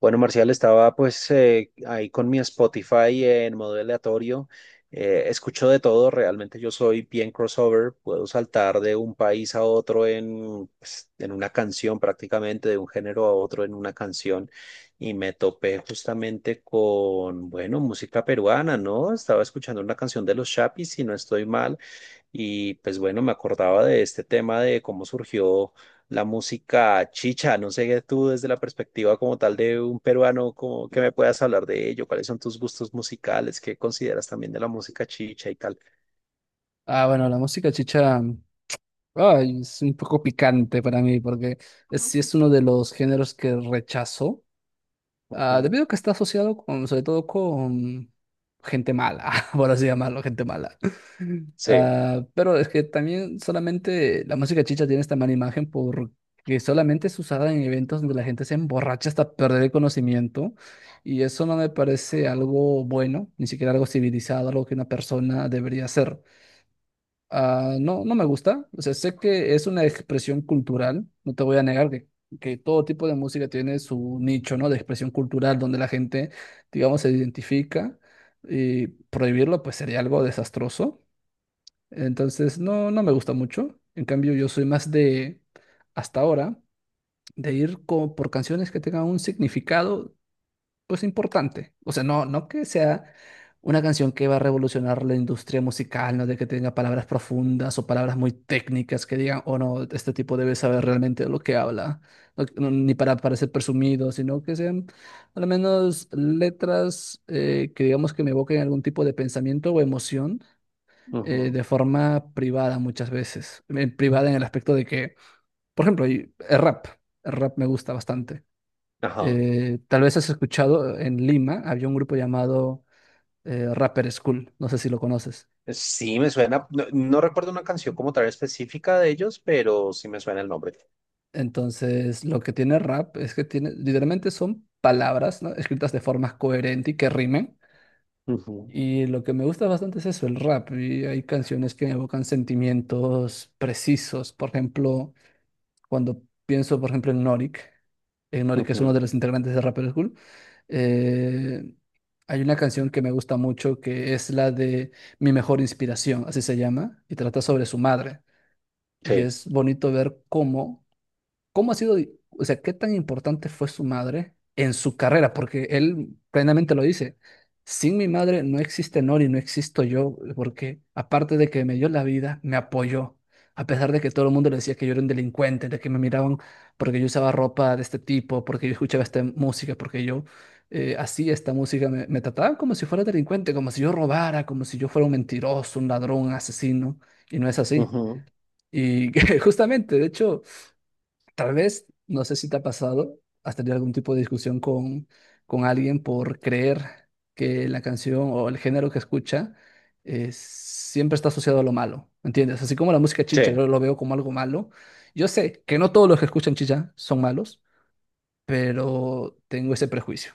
Bueno, Marcial, estaba pues ahí con mi Spotify en modo aleatorio. Escucho de todo, realmente yo soy bien crossover, puedo saltar de un país a otro pues, en una canción prácticamente, de un género a otro en una canción. Y me topé justamente con, bueno, música peruana, ¿no? Estaba escuchando una canción de los Chapis, si no estoy mal, y pues bueno, me acordaba de este tema de cómo surgió la música chicha. No sé tú desde la perspectiva como tal de un peruano, como que me puedas hablar de ello, cuáles son tus gustos musicales, qué consideras también de la música chicha y tal. Bueno, la música chicha es un poco picante para mí porque sí es uno de los géneros que rechazo, Ujú. debido a que está asociado con, sobre todo con gente mala, por así llamarlo, gente mala. Sí. Ah, pero es que también solamente la música chicha tiene esta mala imagen porque solamente es usada en eventos donde la gente se emborracha hasta perder el conocimiento y eso no me parece algo bueno, ni siquiera algo civilizado, algo que una persona debería hacer. Ah, no, no me gusta. O sea, sé que es una expresión cultural, no te voy a negar que todo tipo de música tiene su nicho, ¿no? De expresión cultural donde la gente, digamos, se identifica y prohibirlo pues sería algo desastroso. Entonces, no, no me gusta mucho. En cambio, yo soy más de, hasta ahora, de ir por canciones que tengan un significado pues importante. O sea, no, no que sea una canción que va a revolucionar la industria musical, no de que tenga palabras profundas o palabras muy técnicas que digan, oh no, este tipo debe saber realmente lo que habla, ni para parecer presumido, sino que sean al menos letras que digamos que me evoquen algún tipo de pensamiento o emoción. Ujú. De forma privada muchas veces. Privada en el aspecto de que, por ejemplo, el rap me gusta bastante. Ajá. Tal vez has escuchado, en Lima había un grupo llamado Rapper School, no sé si lo conoces. Sí, me suena, no, no recuerdo una canción como tal específica de ellos, pero sí me suena el nombre. Entonces, lo que tiene rap es que tiene, literalmente son palabras, ¿no? Escritas de forma coherente y que rimen. Ujú. Y lo que me gusta bastante es eso, el rap. Y hay canciones que evocan sentimientos precisos. Por ejemplo, cuando pienso, por ejemplo, en Norik es uno de Ujú. los integrantes de Rapper School. eh, Hay una canción que me gusta mucho que es la de Mi mejor inspiración, así se llama, y trata sobre su madre. Y Sí. es bonito ver cómo, ¿cómo ha sido, o sea, qué tan importante fue su madre en su carrera? Porque él plenamente lo dice, sin mi madre no existe Nori, no existo yo, porque aparte de que me dio la vida, me apoyó, a pesar de que todo el mundo le decía que yo era un delincuente, de que me miraban porque yo usaba ropa de este tipo, porque yo escuchaba esta música, porque yo hacía esta música, me trataban como si fuera delincuente, como si yo robara, como si yo fuera un mentiroso, un ladrón, un asesino, y no es así. Ujú. Y justamente, de hecho… Tal vez, no sé si te ha pasado, has tenido algún tipo de discusión con alguien por creer que la canción o el género que escucha siempre está asociado a lo malo, ¿entiendes? Así como la música chicha, Sí. yo lo veo como algo malo. Yo sé que no todos los que escuchan chicha son malos, pero tengo ese prejuicio.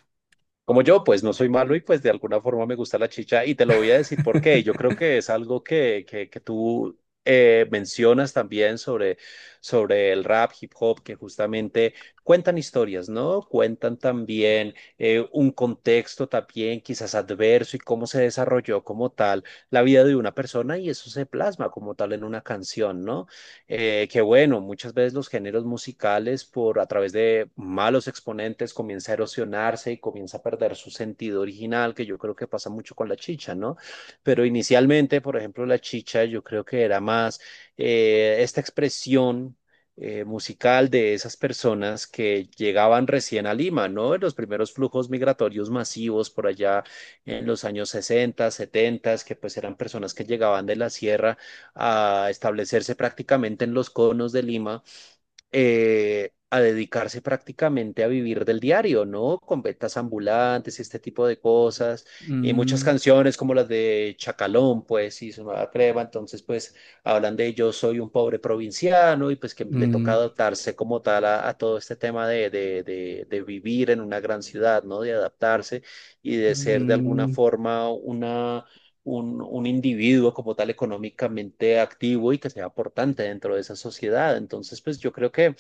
Como yo, pues no soy malo y pues de alguna forma me gusta la chicha y te lo voy a decir por qué. Yo creo que es algo que tú mencionas también sobre el rap, hip hop, que justamente cuentan historias, ¿no? Cuentan también un contexto también quizás adverso y cómo se desarrolló como tal la vida de una persona y eso se plasma como tal en una canción, ¿no? Que bueno, muchas veces los géneros musicales por a través de malos exponentes comienza a erosionarse y comienza a perder su sentido original, que yo creo que pasa mucho con la chicha, ¿no? Pero inicialmente, por ejemplo, la chicha yo creo que era más esta expresión musical de esas personas que llegaban recién a Lima, ¿no? En los primeros flujos migratorios masivos por allá en los años 60, 70, que pues eran personas que llegaban de la sierra a establecerse prácticamente en los conos de Lima, a dedicarse prácticamente a vivir del diario, ¿no? Con ventas ambulantes este tipo de cosas, y muchas Mm, canciones como las de Chacalón, pues, y su nueva crema, entonces, pues, hablan de yo soy un pobre provinciano y pues que le toca mm, adaptarse como tal a todo este tema de vivir en una gran ciudad, ¿no? De adaptarse y de ser de alguna mm, forma un individuo como tal económicamente activo y que sea aportante dentro de esa sociedad. Entonces, pues yo creo que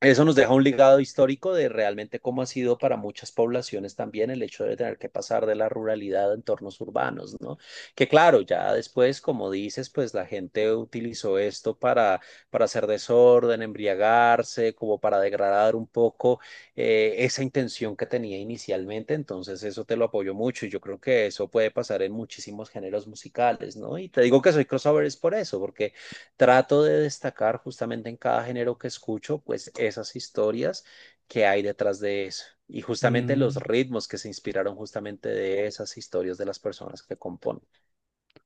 eso nos deja un legado histórico de realmente cómo ha sido para muchas poblaciones también el hecho de tener que pasar de la ruralidad a entornos urbanos, ¿no? Que claro, ya después, como dices, pues la gente utilizó esto para hacer desorden, embriagarse, como para degradar un poco esa intención que tenía inicialmente. Entonces, eso te lo apoyo mucho y yo creo que eso puede pasar en muchísimos géneros musicales, ¿no? Y te digo que soy crossover es por eso, porque trato de destacar justamente en cada género que escucho, pues esas historias que hay detrás de eso y justamente los mm. ritmos que se inspiraron justamente de esas historias de las personas que componen.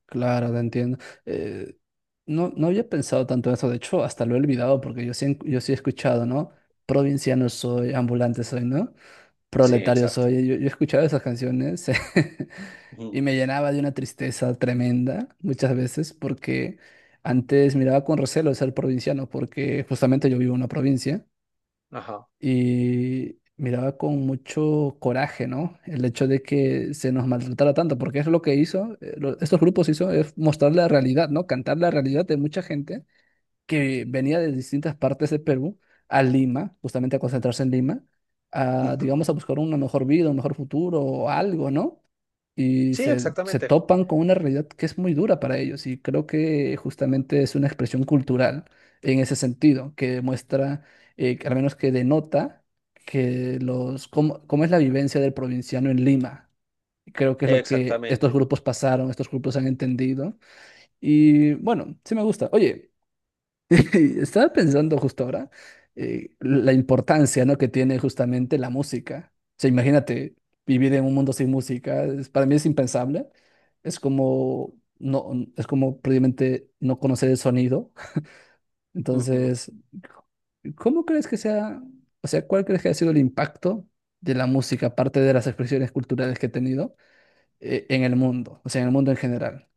Claro, te entiendo. Eh, no, no había pensado tanto en eso, de hecho, hasta lo he olvidado porque yo sí, yo sí he escuchado, ¿no? Provinciano soy, ambulante soy, ¿no? Sí, Proletario exacto. soy. Yo he escuchado esas canciones y Ujú. me llenaba de una tristeza tremenda muchas veces porque antes miraba con recelo ser provinciano porque justamente yo vivo en una provincia Ajá. y miraba con mucho coraje, ¿no? El hecho de que se nos maltratara tanto, porque es lo que hizo, estos grupos hizo, es mostrar la realidad, ¿no? Cantar la realidad de mucha gente que venía de distintas partes de Perú a Lima, justamente a concentrarse en Lima, a, digamos, Ujú. a buscar una mejor vida, un mejor futuro o algo, ¿no? Sí, Se exactamente. topan con una realidad que es muy dura para ellos y creo que justamente es una expresión cultural en ese sentido, que demuestra, que al menos que denota que los, cómo, cómo es la vivencia del provinciano en Lima. Y creo que es lo que estos Exactamente. grupos pasaron, estos grupos han entendido. Y bueno, sí me gusta. Oye, estaba pensando justo ahora la importancia, ¿no? Que tiene justamente la música. O sea, imagínate vivir en un mundo sin música, para mí es impensable. Es como no, es como prácticamente no conocer el sonido. Ujú. Entonces, ¿cómo crees que sea, o sea, cuál crees que ha sido el impacto de la música, aparte de las expresiones culturales que ha tenido en el mundo, o sea, en el mundo en general?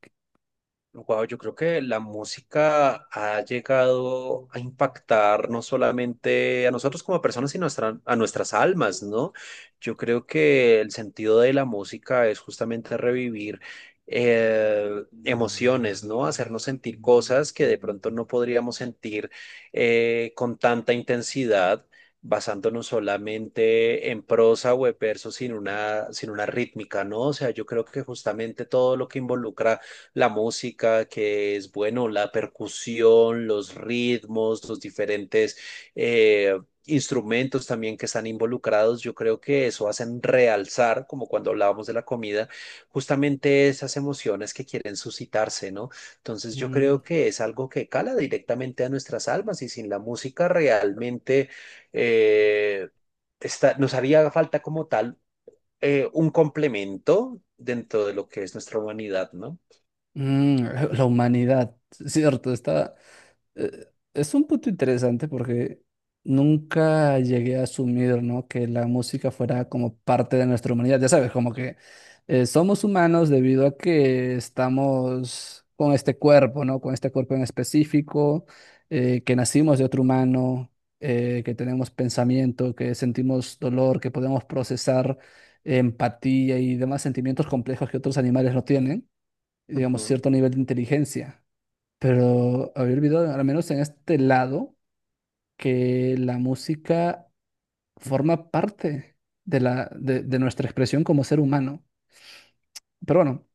Wow, yo creo que la música ha llegado a impactar no solamente a nosotros como personas, sino a nuestras almas, ¿no? Yo creo que el sentido de la música es justamente revivir eh, emociones, ¿no? Hacernos sentir cosas que de pronto no podríamos sentir con tanta intensidad, basándonos solamente en prosa o en verso sin una rítmica, ¿no? O sea, yo creo que justamente todo lo que involucra la música, que es, bueno, la percusión, los ritmos, los diferentes eh, instrumentos también que están involucrados. Yo creo que eso hacen realzar, como cuando hablábamos de la comida, justamente esas emociones que quieren suscitarse, ¿no? Entonces yo Mm, creo que es algo que cala directamente a nuestras almas y sin la música realmente eh, nos haría falta como tal un complemento dentro de lo que es nuestra humanidad, ¿no? mm, la humanidad, cierto, está. eh, es un punto interesante porque nunca llegué a asumir, ¿no? Que la música fuera como parte de nuestra humanidad. Ya sabes, como que somos humanos debido a que estamos con este cuerpo, ¿no? Con este cuerpo en específico, que nacimos de otro humano, que tenemos pensamiento, que sentimos dolor, que podemos procesar empatía y demás sentimientos complejos que otros animales no tienen, digamos, Ujú. cierto nivel de inteligencia. Pero había olvidado, al menos en este lado, que la música forma parte de de nuestra expresión como ser humano. Pero bueno,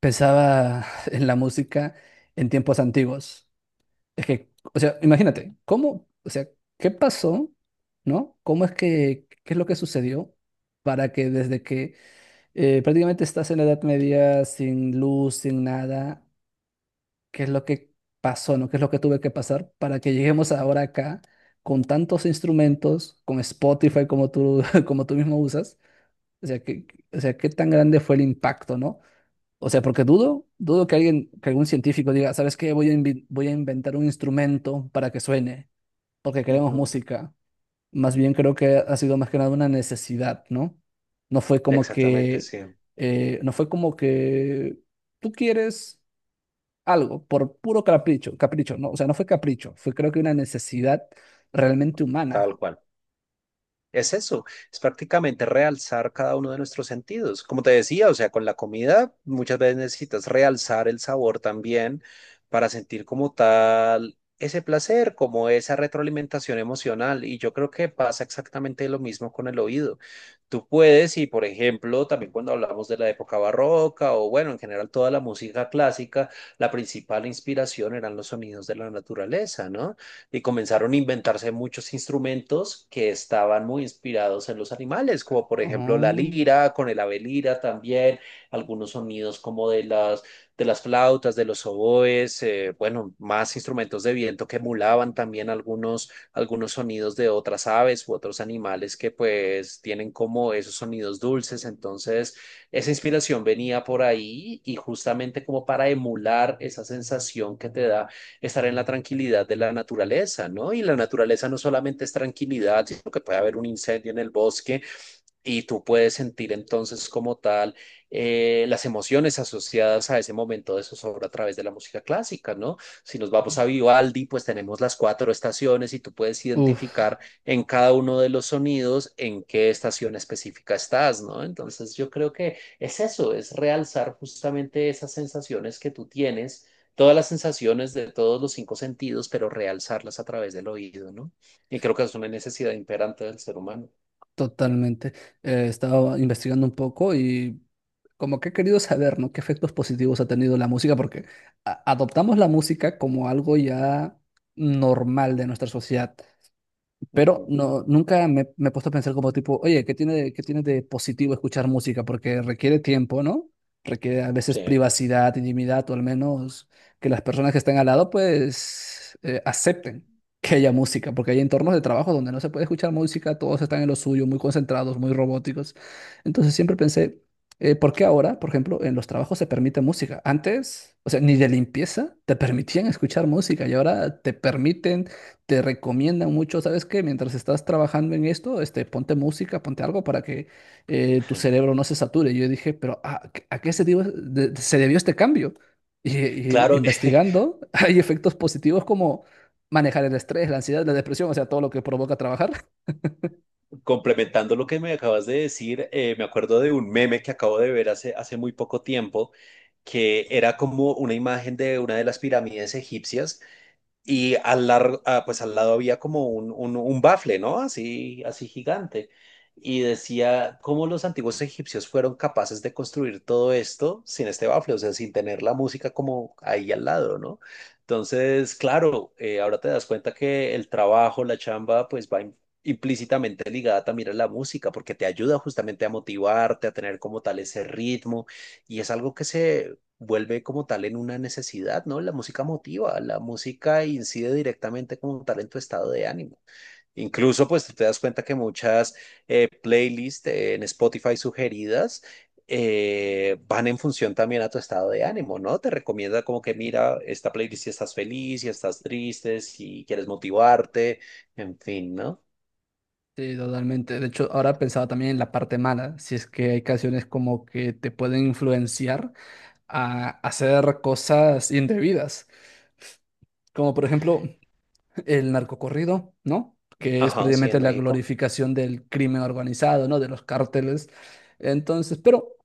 pensaba en la música en tiempos antiguos. Es que, o sea, imagínate, ¿cómo, o sea, qué pasó, ¿no? ¿Cómo es que, qué es lo que sucedió para que desde que prácticamente estás en la Edad Media sin luz, sin nada, qué es lo que pasó, ¿no? ¿Qué es lo que tuve que pasar para que lleguemos ahora acá con tantos instrumentos, con Spotify como tú, como tú mismo usas? O sea, que, o sea, ¿qué tan grande fue el impacto, ¿no? O sea, porque dudo, dudo que alguien, que algún científico diga, ¿sabes qué? Voy a, voy a inventar un instrumento para que suene, porque queremos Ujú. música. Más bien creo que ha sido más que nada una necesidad, ¿no? No fue como Exactamente, que, sí, no fue como que tú quieres algo por puro capricho, capricho, no, o sea, no fue capricho, fue creo que una necesidad realmente humana. tal cual. Es eso, es prácticamente realzar cada uno de nuestros sentidos. Como te decía, o sea, con la comida muchas veces necesitas realzar el sabor también para sentir como tal ese placer, como esa retroalimentación emocional. Y yo creo que pasa exactamente lo mismo con el oído. Tú puedes, y por ejemplo, también cuando hablamos de la época barroca o bueno, en general toda la música clásica, la principal inspiración eran los sonidos de la naturaleza, ¿no? Y comenzaron a inventarse muchos instrumentos que estaban muy inspirados en los animales, como por ejemplo la Oh, lira, con el ave lira también, algunos sonidos como de las flautas, de los oboes, bueno, más instrumentos de viento que emulaban también algunos sonidos de otras aves u otros animales que pues tienen como esos sonidos dulces, entonces... Esa inspiración venía por ahí y justamente como para emular esa sensación que te da estar en la tranquilidad de la naturaleza, ¿no? Y la naturaleza no solamente es tranquilidad, sino que puede haber un incendio en el bosque y tú puedes sentir entonces como tal las emociones asociadas a ese momento de zozobra a través de la música clásica, ¿no? Si nos vamos a Vivaldi, pues tenemos las cuatro estaciones y tú puedes uf, identificar en cada uno de los sonidos en qué estación específica estás, ¿no? Entonces yo creo que es eso, es realzar justamente esas sensaciones que tú tienes, todas las sensaciones de todos los cinco sentidos, pero realzarlas a través del oído, ¿no? Y creo que es una necesidad imperante del ser humano. totalmente. He estado investigando un poco y como que he querido saber, ¿no? ¿Qué efectos positivos ha tenido la música? Porque adoptamos la música como algo ya normal de nuestra sociedad. Pero Ujú. no, nunca me he puesto a pensar como tipo, oye, qué tiene de positivo escuchar música? Porque requiere tiempo, ¿no? Requiere a veces Sí. privacidad, intimidad, o al menos que las personas que estén al lado, pues, acepten que haya música, porque hay entornos de trabajo donde no se puede escuchar música, todos están en lo suyo, muy concentrados, muy robóticos. Entonces siempre pensé, ¿por qué ahora, por ejemplo, en los trabajos se permite música? Antes, o sea, ni de limpieza te permitían escuchar música y ahora te permiten te recomiendan mucho, ¿sabes qué? Mientras estás trabajando en esto, este, ponte música, ponte algo para que tu cerebro no se sature. Yo dije, pero a qué se, se debió este cambio? Y Claro, investigando, hay efectos positivos como manejar el estrés, la ansiedad, la depresión, o sea, todo lo que provoca trabajar. complementando lo que me acabas de decir, me acuerdo de un meme que acabo de ver hace muy poco tiempo, que era como una imagen de una de las pirámides egipcias. Y pues al lado había como un bafle, ¿no? Así, así gigante. Y decía cómo los antiguos egipcios fueron capaces de construir todo esto sin este bafle, o sea, sin tener la música como ahí al lado, ¿no? Entonces, claro, ahora te das cuenta que el trabajo, la chamba, pues va implícitamente ligada también a la música, porque te ayuda justamente a motivarte, a tener como tal ese ritmo, y es algo que se vuelve como tal en una necesidad, ¿no? La música motiva, la música incide directamente como tal en tu estado de ánimo. Incluso, pues tú te das cuenta que muchas playlists en Spotify sugeridas van en función también a tu estado de ánimo, ¿no? Te recomienda como que mira esta playlist si estás feliz, si estás triste, si quieres motivarte, en fin, ¿no? Sí, totalmente. De hecho, ahora pensaba también en la parte mala, si es que hay canciones como que te pueden influenciar a hacer cosas indebidas. Como por ejemplo, el narcocorrido, ¿no? Que es Ajá, sí, en precisamente la México. glorificación del crimen organizado, ¿no? De los cárteles. Entonces, pero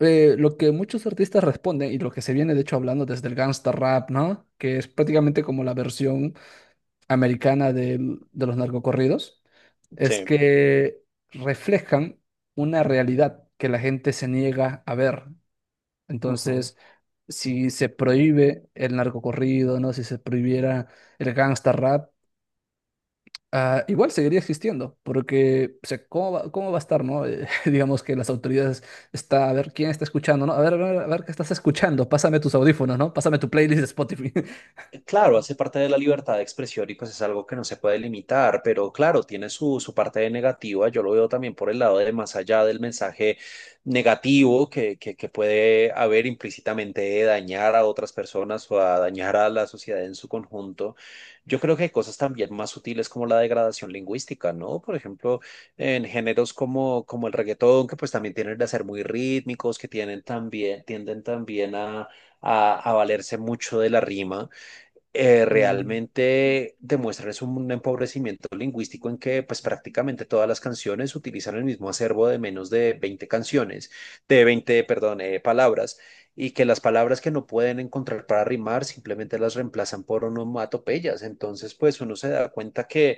lo que muchos artistas responden y lo que se viene de hecho hablando desde el gangsta rap, ¿no? Que es prácticamente como la versión americana de los narcocorridos, es Sí. que reflejan una realidad que la gente se niega a ver. Ujú. Entonces, si se prohíbe el narcocorrido, ¿no? Si se prohibiera el gangsta rap, ah, igual seguiría existiendo, porque, o sea, cómo va a estar, no? Digamos que las autoridades está, a ver, ¿quién está escuchando, no? A ver, a ver, a ver qué estás escuchando, pásame tus audífonos, ¿no? Pásame tu playlist de Spotify. Claro, hace parte de la libertad de expresión y pues es algo que no se puede limitar, pero claro, tiene su parte de negativa. Yo lo veo también por el lado de más allá del mensaje negativo que puede haber implícitamente de dañar a otras personas o a dañar a la sociedad en su conjunto. Yo creo que hay cosas también más sutiles como la degradación lingüística, ¿no? Por ejemplo, en géneros como el reggaetón, que pues también tienen de ser muy rítmicos, tienden también a valerse mucho de la rima Mm, realmente demuestran es un empobrecimiento lingüístico en que pues prácticamente todas las canciones utilizan el mismo acervo de menos de 20 canciones, de 20 perdón, palabras, y que las palabras que no pueden encontrar para rimar simplemente las reemplazan por onomatopeyas. Entonces, pues uno se da cuenta que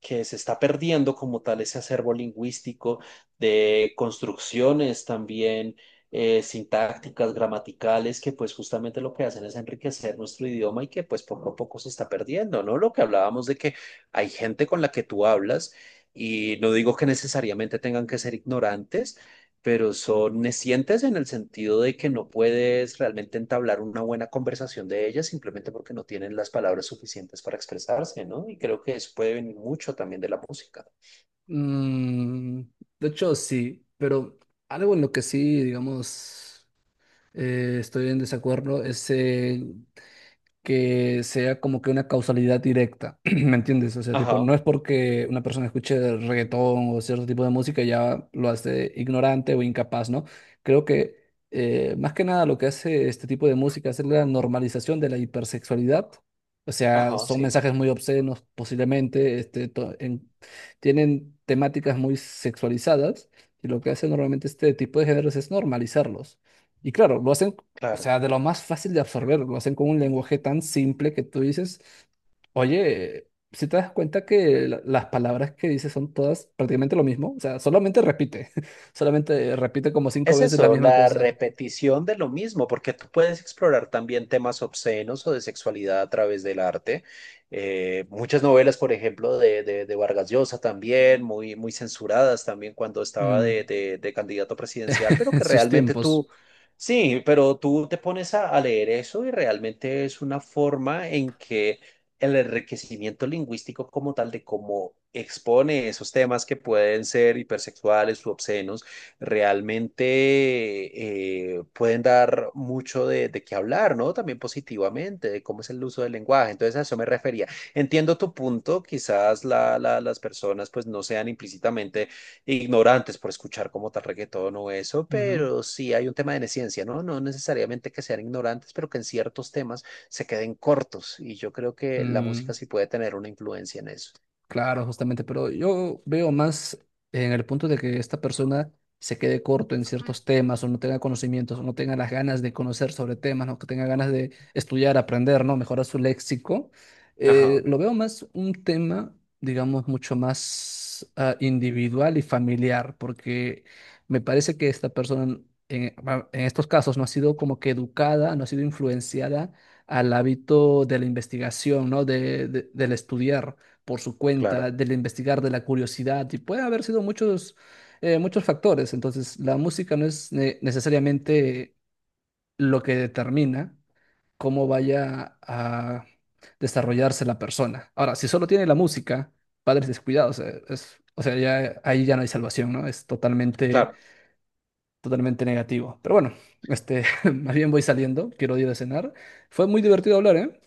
que se está perdiendo como tal ese acervo lingüístico de construcciones también sintácticas, gramaticales, que pues justamente lo que hacen es enriquecer nuestro idioma y que pues poco a poco se está perdiendo, ¿no? Lo que hablábamos de que hay gente con la que tú hablas y no digo que necesariamente tengan que ser ignorantes, pero son necientes en el sentido de que no puedes realmente entablar una buena conversación de ellas simplemente porque no tienen las palabras suficientes para expresarse, ¿no? Y creo que eso puede venir mucho también de la música. mm, de hecho, sí, pero algo en lo que sí, digamos, estoy en desacuerdo es que sea como que una causalidad directa, ¿me entiendes? O sea, tipo, no Ajá, es porque una persona escuche reggaetón o cierto tipo de música ya lo hace ignorante o incapaz, ¿no? Creo que más que nada lo que hace este tipo de música es la normalización de la hipersexualidad. O sea, ajá, son sí, mensajes muy obscenos posiblemente, este, tienen temáticas muy sexualizadas y lo que hace normalmente este tipo de géneros es normalizarlos. Y claro, lo hacen o claro. sea, de lo más fácil de absorber, lo hacen con un lenguaje tan simple que tú dices, oye, si te das cuenta que las palabras que dices son todas prácticamente lo mismo, o sea, solamente repite, solamente repite como cinco Es veces la eso, misma la cosa. repetición de lo mismo, porque tú puedes explorar también temas obscenos o de sexualidad a través del arte. Muchas novelas, por ejemplo, de Vargas Llosa también, muy, muy censuradas también cuando estaba de, Mm, de- de candidato presidencial, pero en que sus realmente tiempos. tú, sí, pero tú te pones a leer eso y realmente es una forma en que el enriquecimiento lingüístico como tal de cómo expone esos temas que pueden ser hipersexuales u obscenos realmente pueden dar mucho de qué hablar, ¿no? También positivamente, de cómo es el uso del lenguaje. Entonces a eso me refería. Entiendo tu punto, quizás las personas pues no sean implícitamente ignorantes por escuchar como tal reggaetón o eso, Ujú. pero sí hay un tema de neciencia, ¿no? No necesariamente que sean ignorantes, pero que en ciertos temas se queden cortos. Y yo creo que la Mm, música sí puede tener una influencia en eso. Claro, justamente, pero yo veo más en el punto de que esta persona se quede corto en ciertos temas o no tenga conocimientos o no tenga las ganas de conocer sobre temas, no que tenga ganas de estudiar, aprender, ¿no? Mejorar su léxico. Ajá, Lo veo más un tema, digamos, mucho más individual y familiar, porque me parece que esta persona en, en estos casos no ha sido como que educada, no ha sido influenciada al hábito de la investigación, ¿no? De, del estudiar por su cuenta, claro, del investigar, de la curiosidad, y puede haber sido muchos, muchos factores. Entonces, la música no es necesariamente lo que determina cómo vaya a desarrollarse la persona. Ahora, si solo tiene la música, padres descuidados, es, o sea, ya, ahí ya no hay salvación, ¿no? Es totalmente, claro. totalmente negativo. Pero bueno, este, más bien voy saliendo, quiero ir a cenar. Fue muy divertido hablar, ¿eh?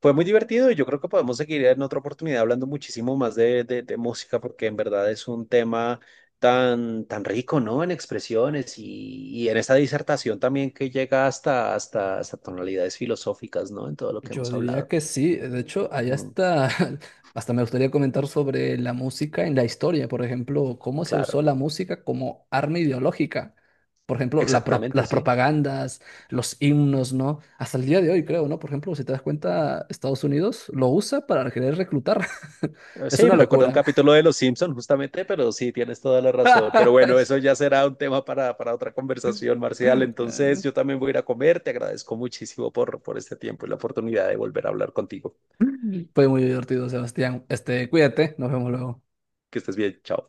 Fue muy divertido y yo creo que podemos seguir en otra oportunidad hablando muchísimo más de música porque en verdad es un tema tan, tan rico, ¿no? En expresiones y en esta disertación también que llega hasta tonalidades filosóficas, ¿no? En todo lo que Yo hemos diría hablado. que sí, de hecho, ahí Mm, hasta, hasta me gustaría comentar sobre la música en la historia, por ejemplo, cómo se usó claro, la música como arma ideológica, por ejemplo, exactamente, las sí. propagandas, los himnos, ¿no? Hasta el día de hoy, creo, ¿no? Por ejemplo, si te das cuenta, Estados Unidos lo usa para querer reclutar. Es Sí, una me recuerda un locura. capítulo de Los Simpson, justamente, pero sí, tienes toda la razón. Pero bueno, eso ya será un tema para otra conversación, Marcial. Entonces, yo también voy a ir a comer. Te agradezco muchísimo por este tiempo y la oportunidad de volver a hablar contigo. Fue muy divertido, Sebastián. Este, cuídate, nos vemos luego. Que estés bien. Chao.